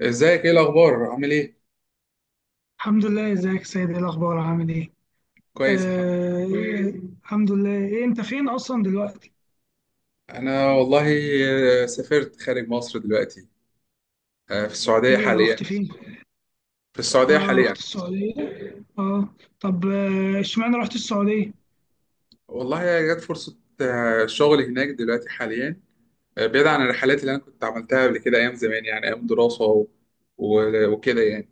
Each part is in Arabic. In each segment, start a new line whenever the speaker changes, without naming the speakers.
ازيك؟ ايه الاخبار؟ عامل ايه؟
الحمد لله، ازيك يا سيد؟ ايه الاخبار؟ عامل ايه؟
كويس، الحمد
آه، إيه، الحمد لله. إيه انت فين اصلا دلوقتي؟
لله. انا والله سافرت خارج مصر دلوقتي. في السعوديه
ايه،
حاليا.
رحت فين؟
في السعوديه
اه،
حاليا.
رحت السعوديه. اه. طب، اشمعنى رحت السعوديه؟
والله جت فرصه شغل هناك دلوقتي حاليا. بعيد عن الرحلات اللي انا كنت عملتها قبل كده ايام زمان، يعني ايام دراسه وكده يعني.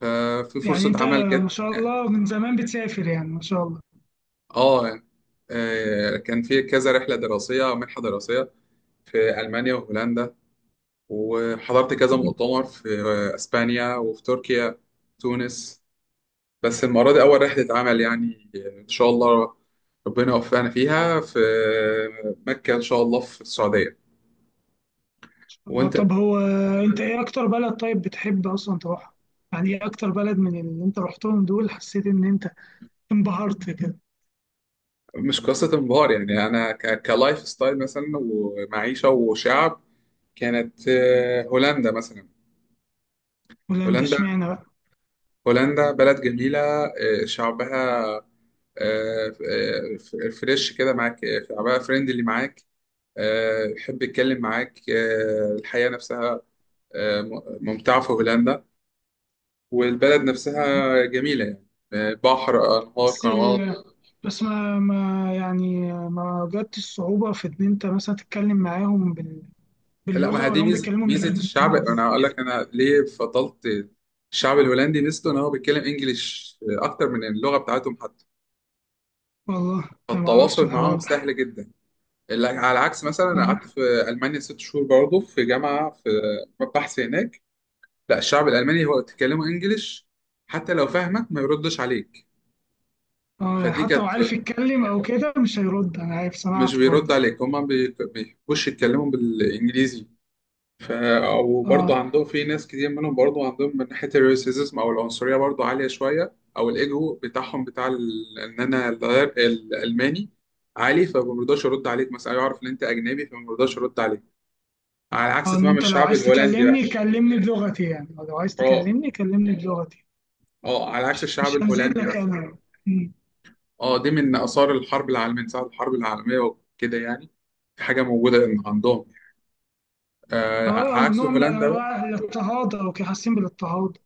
ففي
يعني
فرصه
انت،
عمل جت.
ما شاء الله من زمان بتسافر، يعني ما شاء الله.
اه يعني، كان في كذا رحله دراسيه او منحه دراسيه في المانيا وهولندا. وحضرت كذا مؤتمر في اسبانيا وفي تركيا، تونس. بس المرة دي أول رحلة عمل يعني، إن شاء الله ربنا يوفقنا فيها في مكة إن شاء الله، في السعودية. وأنت؟
طب هو، انت ايه اكتر بلد طيب بتحب اصلا تروحها؟ يعني ايه اكتر بلد من اللي انت رحتهم دول حسيت ان انت انبهرت كده؟
مش قصة انبهار يعني، أنا كلايف ستايل مثلا ومعيشة وشعب، كانت هولندا مثلا.
ولا انت
هولندا.
اشمعنى بقى؟
هولندا بلد جميلة. شعبها فريش كده معاك. شعبها فريندلي معاك، يحب يتكلم معاك. الحياة نفسها آه، ممتعة في هولندا، والبلد نفسها جميلة يعني، بحر، أنهار،
بس
قنوات.
ال... بس ما يعني ما جت الصعوبة في إن أنت مثلا تتكلم معاهم
لا، ما
باللغة،
هي
ولا
دي
هم
ميزة
بيتكلموا
ميزة الشعب.
بالإنجليزي؟
أنا هقول لك أنا ليه فضلت الشعب الهولندي. ميزته إن هو بيتكلم إنجليش أكتر من اللغة بتاعتهم حتى.
والله أنا ما أعرفش
فالتواصل
الحوار
معاهم
ده.
سهل جدا. على عكس مثلا، أنا قعدت
اه،
في ألمانيا 6 شهور برضه، في جامعة، في بحث هناك. لا، الشعب الألماني هو تكلمه إنجليش حتى لو فاهمك ما يردش عليك. فدي
حتى
كانت،
لو عارف يتكلم أو كده مش هيرد. أنا عارف،
مش
سمعت برضه.
بيرد عليك. هما بيحبوش يتكلموا بالإنجليزي. ف... وبرضه
اه،
عندهم في ناس كتير منهم، برضه عندهم من ناحية الريسيزم أو العنصرية برضه عالية شوية، أو الإيجو بتاعهم بتاع إن أنا الغير الألماني عالي، فما بيرضاش يرد عليك. مثلا يعرف إن أنت أجنبي فما بيرضاش يرد عليك، على عكس
اه، إن
تمام
أنت لو
الشعب
عايز
الهولندي بقى.
تكلمني كلمني بلغتي، يعني لو عايز
أه،
تكلمني كلمني بلغتي.
أه، على عكس الشعب
مش هنزل
الهولندي
لك
مثلا.
أنا. م.
أه، دي من آثار الحرب العالمية، من ساعة الحرب العالمية وكده يعني. في حاجة موجودة إن عندهم،
اه،
عكس
نوع من
هولندا.
أنواع الاضطهاد أو كده، حاسين بالاضطهاد.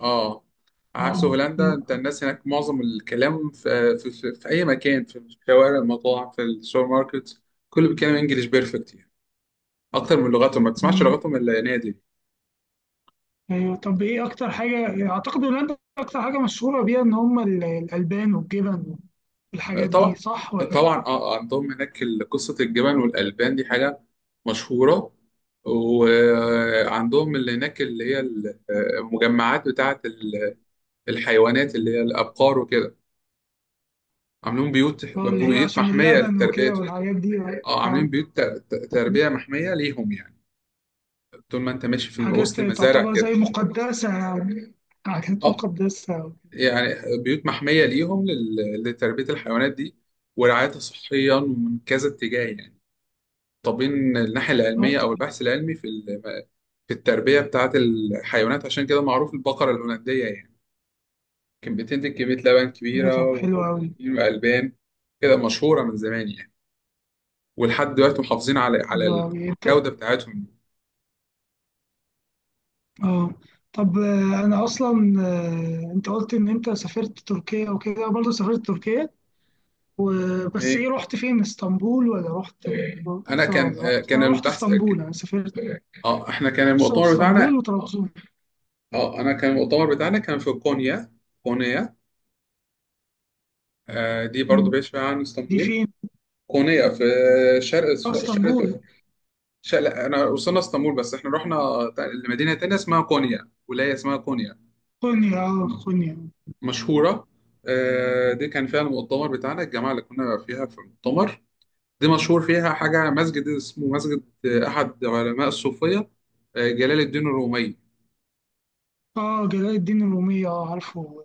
اه، عكس هولندا، انت
كده.
الناس هناك معظم الكلام، في اي مكان، في الشوارع، المطاعم، في السوبر ماركت، كله بيتكلم انجليش بيرفكت يعني، اكتر من لغتهم. ما تسمعش لغتهم الا نادي.
ايوه، طب ايه اكتر حاجه؟ اعتقد هولندا اكتر حاجه مشهوره بيها ان هم الالبان والجبن والحاجات دي،
طبعا،
صح ولا؟
طبعا، اه. عندهم هناك قصة الجبن والالبان دي حاجة مشهورة. وعندهم اللي هناك، اللي هي المجمعات بتاعة الحيوانات، اللي هي الابقار وكده، عاملين بيوت،
اللي هي
بيوت
عشان
محمية
اللبن
للتربية.
وكده والحاجات دي آه،
اه،
آه،
عاملين بيوت تربية محمية ليهم يعني، طول ما انت ماشي في وسط
حاجات
المزارع
تعتبر زي
كده.
مقدسه يعني، حاجات
اه
مقدسه.
يعني، بيوت محمية ليهم لتربية الحيوانات دي، ورعايتها صحيا ومن كذا اتجاه يعني. طابين الناحية
اه،
العلمية أو
طب.
البحث العلمي في في التربية بتاعة الحيوانات. عشان كده معروف البقرة الهولندية يعني، كانت بتنتج كمية لبن
ايه،
كبيرة،
طب حلو قوي.
والبروتين والألبان كده مشهورة من زمان يعني. ولحد دلوقتي محافظين على
حلو قوي. انت،
الجودة بتاعتهم.
اه، طب، انا اصلا آه، انت قلت ان انت سافرت تركيا وكده، برضه سافرت تركيا وبس
ايه.
ايه رحت فين؟ اسطنبول ولا رحت
أنا
بورصة
كان
ولا
آه،
رحت؟
كان
انا رحت
البحث كان-
اسطنبول، انا سافرت
اه احنا كان
بورصة
المؤتمر بتاعنا
واسطنبول وطرابزون.
اه انا كان المؤتمر بتاعنا كان في كونيا. كونيا، دي برضو
م،
بعيد شويه عن
دي
اسطنبول.
فين؟
كونيا في شرق، شرق
اسطنبول.
انا وصلنا اسطنبول، بس احنا رحنا تا- لمدينه تانية اسمها كونيا، ولايه اسمها كونيا،
خنيا، اه، خنيا.
مشهوره. دي كان فيها المؤتمر بتاعنا، الجماعه اللي كنا فيها في المؤتمر. دي مشهور فيها حاجه، مسجد اسمه مسجد احد علماء الصوفيه، جلال الدين الرومي.
اه، جلال الدين الرومية. اه، عارفه،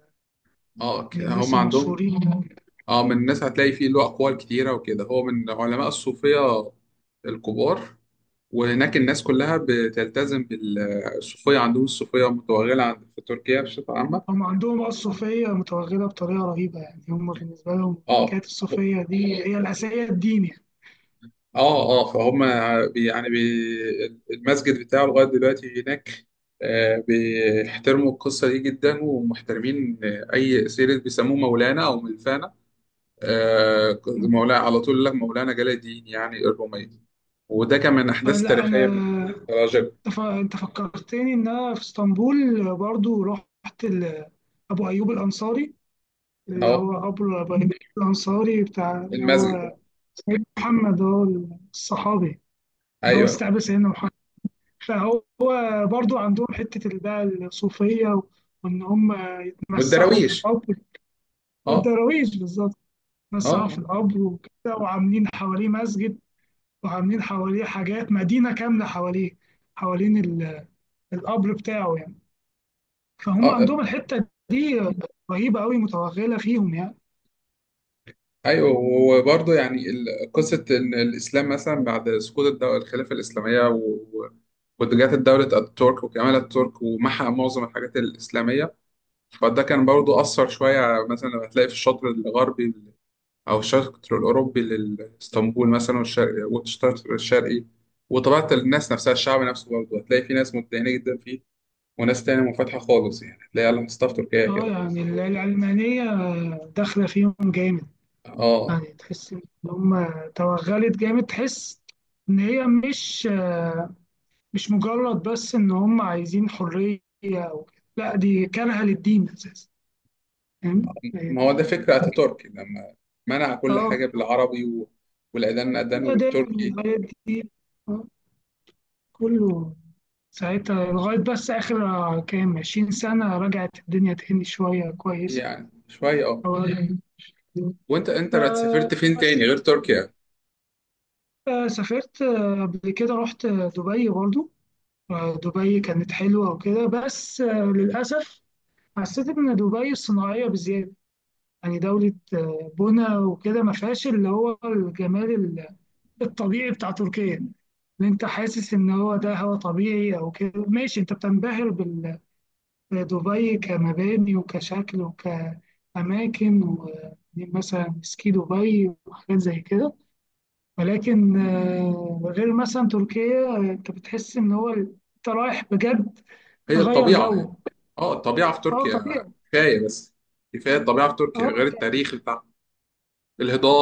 اه،
من
هم
الناس
عندهم،
المشهورين.
اه، من الناس هتلاقي فيه له أقوال كتيرة وكده، هو من علماء الصوفية الكبار. وهناك الناس كلها بتلتزم بالصوفية. عندهم الصوفية متوغلة في تركيا بصفة عامة.
هم عندهم بقى الصوفية متوغلة بطريقة رهيبة، يعني هم بالنسبة لهم
اه،
حكاية الصوفية دي هي الأساسية، الدين يعني.
اه، اه، فهم يعني بي المسجد بتاعه لغاية دلوقتي هناك. بيحترموا القصة دي جدا، ومحترمين أي سيرة، بيسموه مولانا أو ملفانا. مولانا على طول لك، مولانا جلال الدين يعني الرومية. وده كان من أحداث
فلا،
تاريخية
أنا،
من الرجل.
أنت أنت فكرتني إن أنا في اسطنبول برضو رحت أبو أيوب الأنصاري، اللي
أه.
هو أبو الأنصاري بتاع اللي
المسجد.
هو سيدنا محمد، هو الصحابي اللي هو
أيوه.
استقبل سيدنا محمد. فهو برضو عندهم حتة بقى الصوفية، وإن هم مسحوا في
والدراويش.
القبر.
أه،
الدراويش بالظبط. مسحوا في
أه،
القبر وكده، وعاملين حواليه مسجد، وعاملين حواليه حاجات، مدينة كاملة حواليه، حوالين القبر بتاعه يعني. فهم
أه،
عندهم الحتة دي رهيبة أوي، متوغلة فيهم يعني.
أيوه. وبرضه يعني قصة إن الإسلام مثلا بعد سقوط الدولة، الخلافة الإسلامية، واتجاهات الدولة الترك وكمال الترك ومحى معظم الحاجات الإسلامية. فده كان برضه أثر شوية، مثلا لما تلاقي في الشطر الغربي، أو الشرق الأوروبي لإسطنبول مثلا، والشرق الشرقي. وطبيعة الناس نفسها، الشعب نفسه برضه هتلاقي في ناس متدينة جدا فيه، وناس تانية منفتحة خالص يعني. هتلاقي على مصطلح تركيا
اه،
كده،
يعني العلمانية داخلة فيهم جامد.
اه.
يعني تحس إن هم توغلت جامد، تحس إن هي مش مجرد بس إن هم عايزين حرية أو كده. لا، دي كارهة للدين أساسا. فاهم، هي
ما
دي
هو ده
الفكرة.
فكرة أتاتورك، لما منع كل
اه،
حاجة بالعربي، والأذان أذانه
والأديان
بالتركي،
والحاجات دي، آه، كله ساعتها، لغاية بس آخر كام 20 سنة رجعت الدنيا تهني شوية كويس
يعني شوية اه.
أو-
وأنت بقى سافرت فين
فبس،
تاني غير تركيا؟
سافرت قبل كده رحت دبي برضو. دبي كانت حلوة وكده بس للأسف حسيت إن دبي صناعية بزيادة. يعني دولة بنا وكده، ما فيهاش اللي هو الجمال الطبيعي بتاع تركيا. اللي أنت حاسس إن هو ده هو طبيعي أو كده. ماشي، أنت بتنبهر بدبي، كمباني وكشكل وكأماكن، ومثلا سكي دبي وحاجات زي كده. ولكن غير مثلا تركيا، انت بتحس ان هو انت رايح بجد،
هي
تغير
الطبيعة يعني.
جو.
اه، الطبيعة في
اه،
تركيا
طبيعي.
كفاية بس. كفاية، الطبيعة في تركيا،
اه.
غير التاريخ بتاع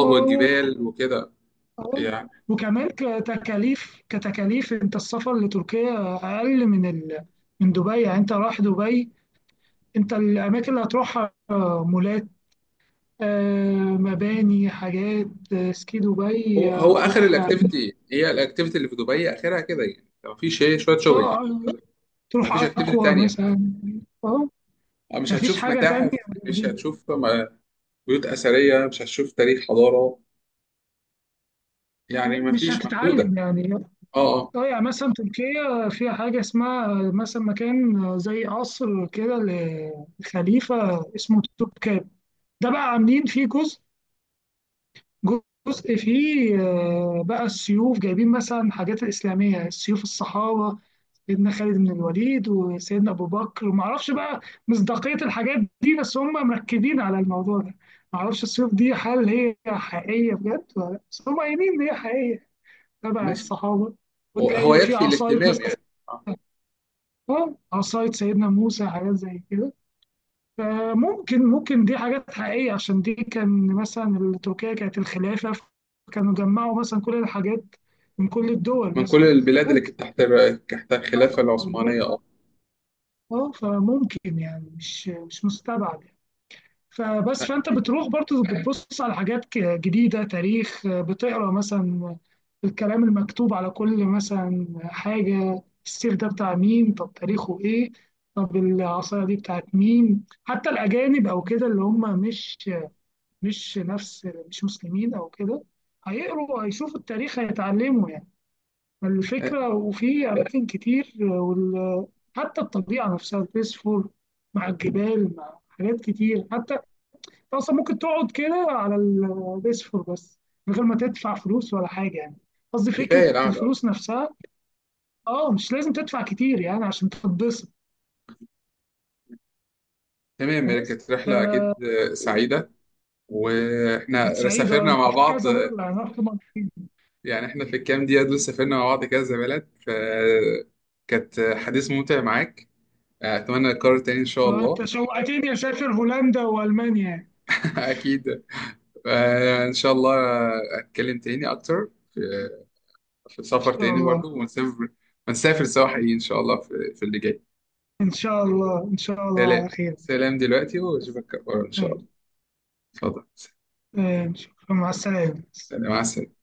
آه، آه.
والجبال وكده
اه.
يعني.
وكمان كتكاليف، انت السفر لتركيا اقل من من دبي. يعني انت رايح دبي، انت الاماكن اللي هتروحها مولات، آه، مباني، حاجات، سكي
هو
دبي،
هو اخر
هتروح. اه،
الاكتيفيتي، هي الاكتيفيتي اللي في دبي اخرها كده يعني. ما فيش، ايه، شويه شوبينج،
اه،
ما
تروح
فيش اكتيفيتي
اكوا
تانية.
مثلا. اه،
مش
مفيش
هتشوف
حاجه تانية.
متاحف. مش هتشوف بيوت اثريه. مش هتشوف تاريخ، حضاره يعني. ما
مش
فيش، محدوده.
هتتعلم يعني.
اه، اه،
اه، يعني مثلا تركيا فيها حاجة اسمها، مثلا، مكان زي قصر كده لخليفة اسمه توبكاب. ده بقى عاملين فيه جزء، جزء فيه بقى السيوف، جايبين مثلا حاجات الإسلامية، سيوف الصحابة، سيدنا خالد بن الوليد وسيدنا أبو بكر، ومعرفش بقى مصداقية الحاجات دي، بس هم مركزين على الموضوع ده. معرفش السيوف دي هل هي حقيقية بجد ولا لأ، بس هم قايلين إن هي حقيقية تبع
ماشي.
الصحابة.
هو هو
وتلاقي في
يكفي
عصاية
الاهتمام
مثلا.
يعني. آه.
اه، عصاية سيدنا موسى، حاجات زي كده. فممكن دي حاجات حقيقية، عشان دي كان مثلا تركيا كانت الخلافة، كانوا جمعوا مثلا كل الحاجات من كل الدول
من
مثلا.
كل البلاد اللي
ممكن.
كانت تحت تحت الخلافه العثمانيه،
اه،
اه.
فممكن يعني مش مستبعد يعني. فبس، فانت
اكيد.
بتروح برضه بتبص على حاجات جديدة، تاريخ بتقرا مثلا، الكلام المكتوب على كل مثلا حاجة، السيف ده بتاع مين؟ طب تاريخه إيه؟ طب العصاية دي بتاعت مين؟ حتى الأجانب أو كده اللي هم مش مسلمين أو كده، هيقروا، هيشوفوا التاريخ، هيتعلموا يعني
آه،
الفكرة، وفي أماكن كتير. حتى الطبيعة نفسها، البيسفور مع الجبال، مع حاجات كتير. حتى انت اصلا ممكن تقعد كده على البيسفور بس، من غير ما تدفع فلوس ولا حاجه يعني، قصدي فكره
كفايه القعده. آه.
الفلوس نفسها. اه، مش لازم تدفع كتير يعني عشان تتبسط.
تمام،
بس،
كانت رحله اكيد
آه،
سعيده،
كانت
واحنا
سعيده.
سافرنا
أنا
مع
رحت
بعض.
كذا مره يعني، رحت مرتين.
يعني احنا في الكام دقيقة دول سافرنا مع بعض كذا بلد، فكانت حديث ممتع معاك. أتمنى نكرر تاني إن شاء الله.
وانت شوقتني اسافر هولندا والمانيا يعني.
أكيد. إن شاء الله. أتكلم تاني أكتر في
ان
سفر
شاء
تاني برضه،
الله،
ونسافر، ونسافر سوا حقيقي إن شاء الله، في اللي جاي.
ان شاء الله، ان شاء الله على
سلام،
خير.
سلام دلوقتي، وأشوفك إن شاء الله.
آه،
اتفضل.
شكرا، مع السلامه.
سلام، مع السلامة.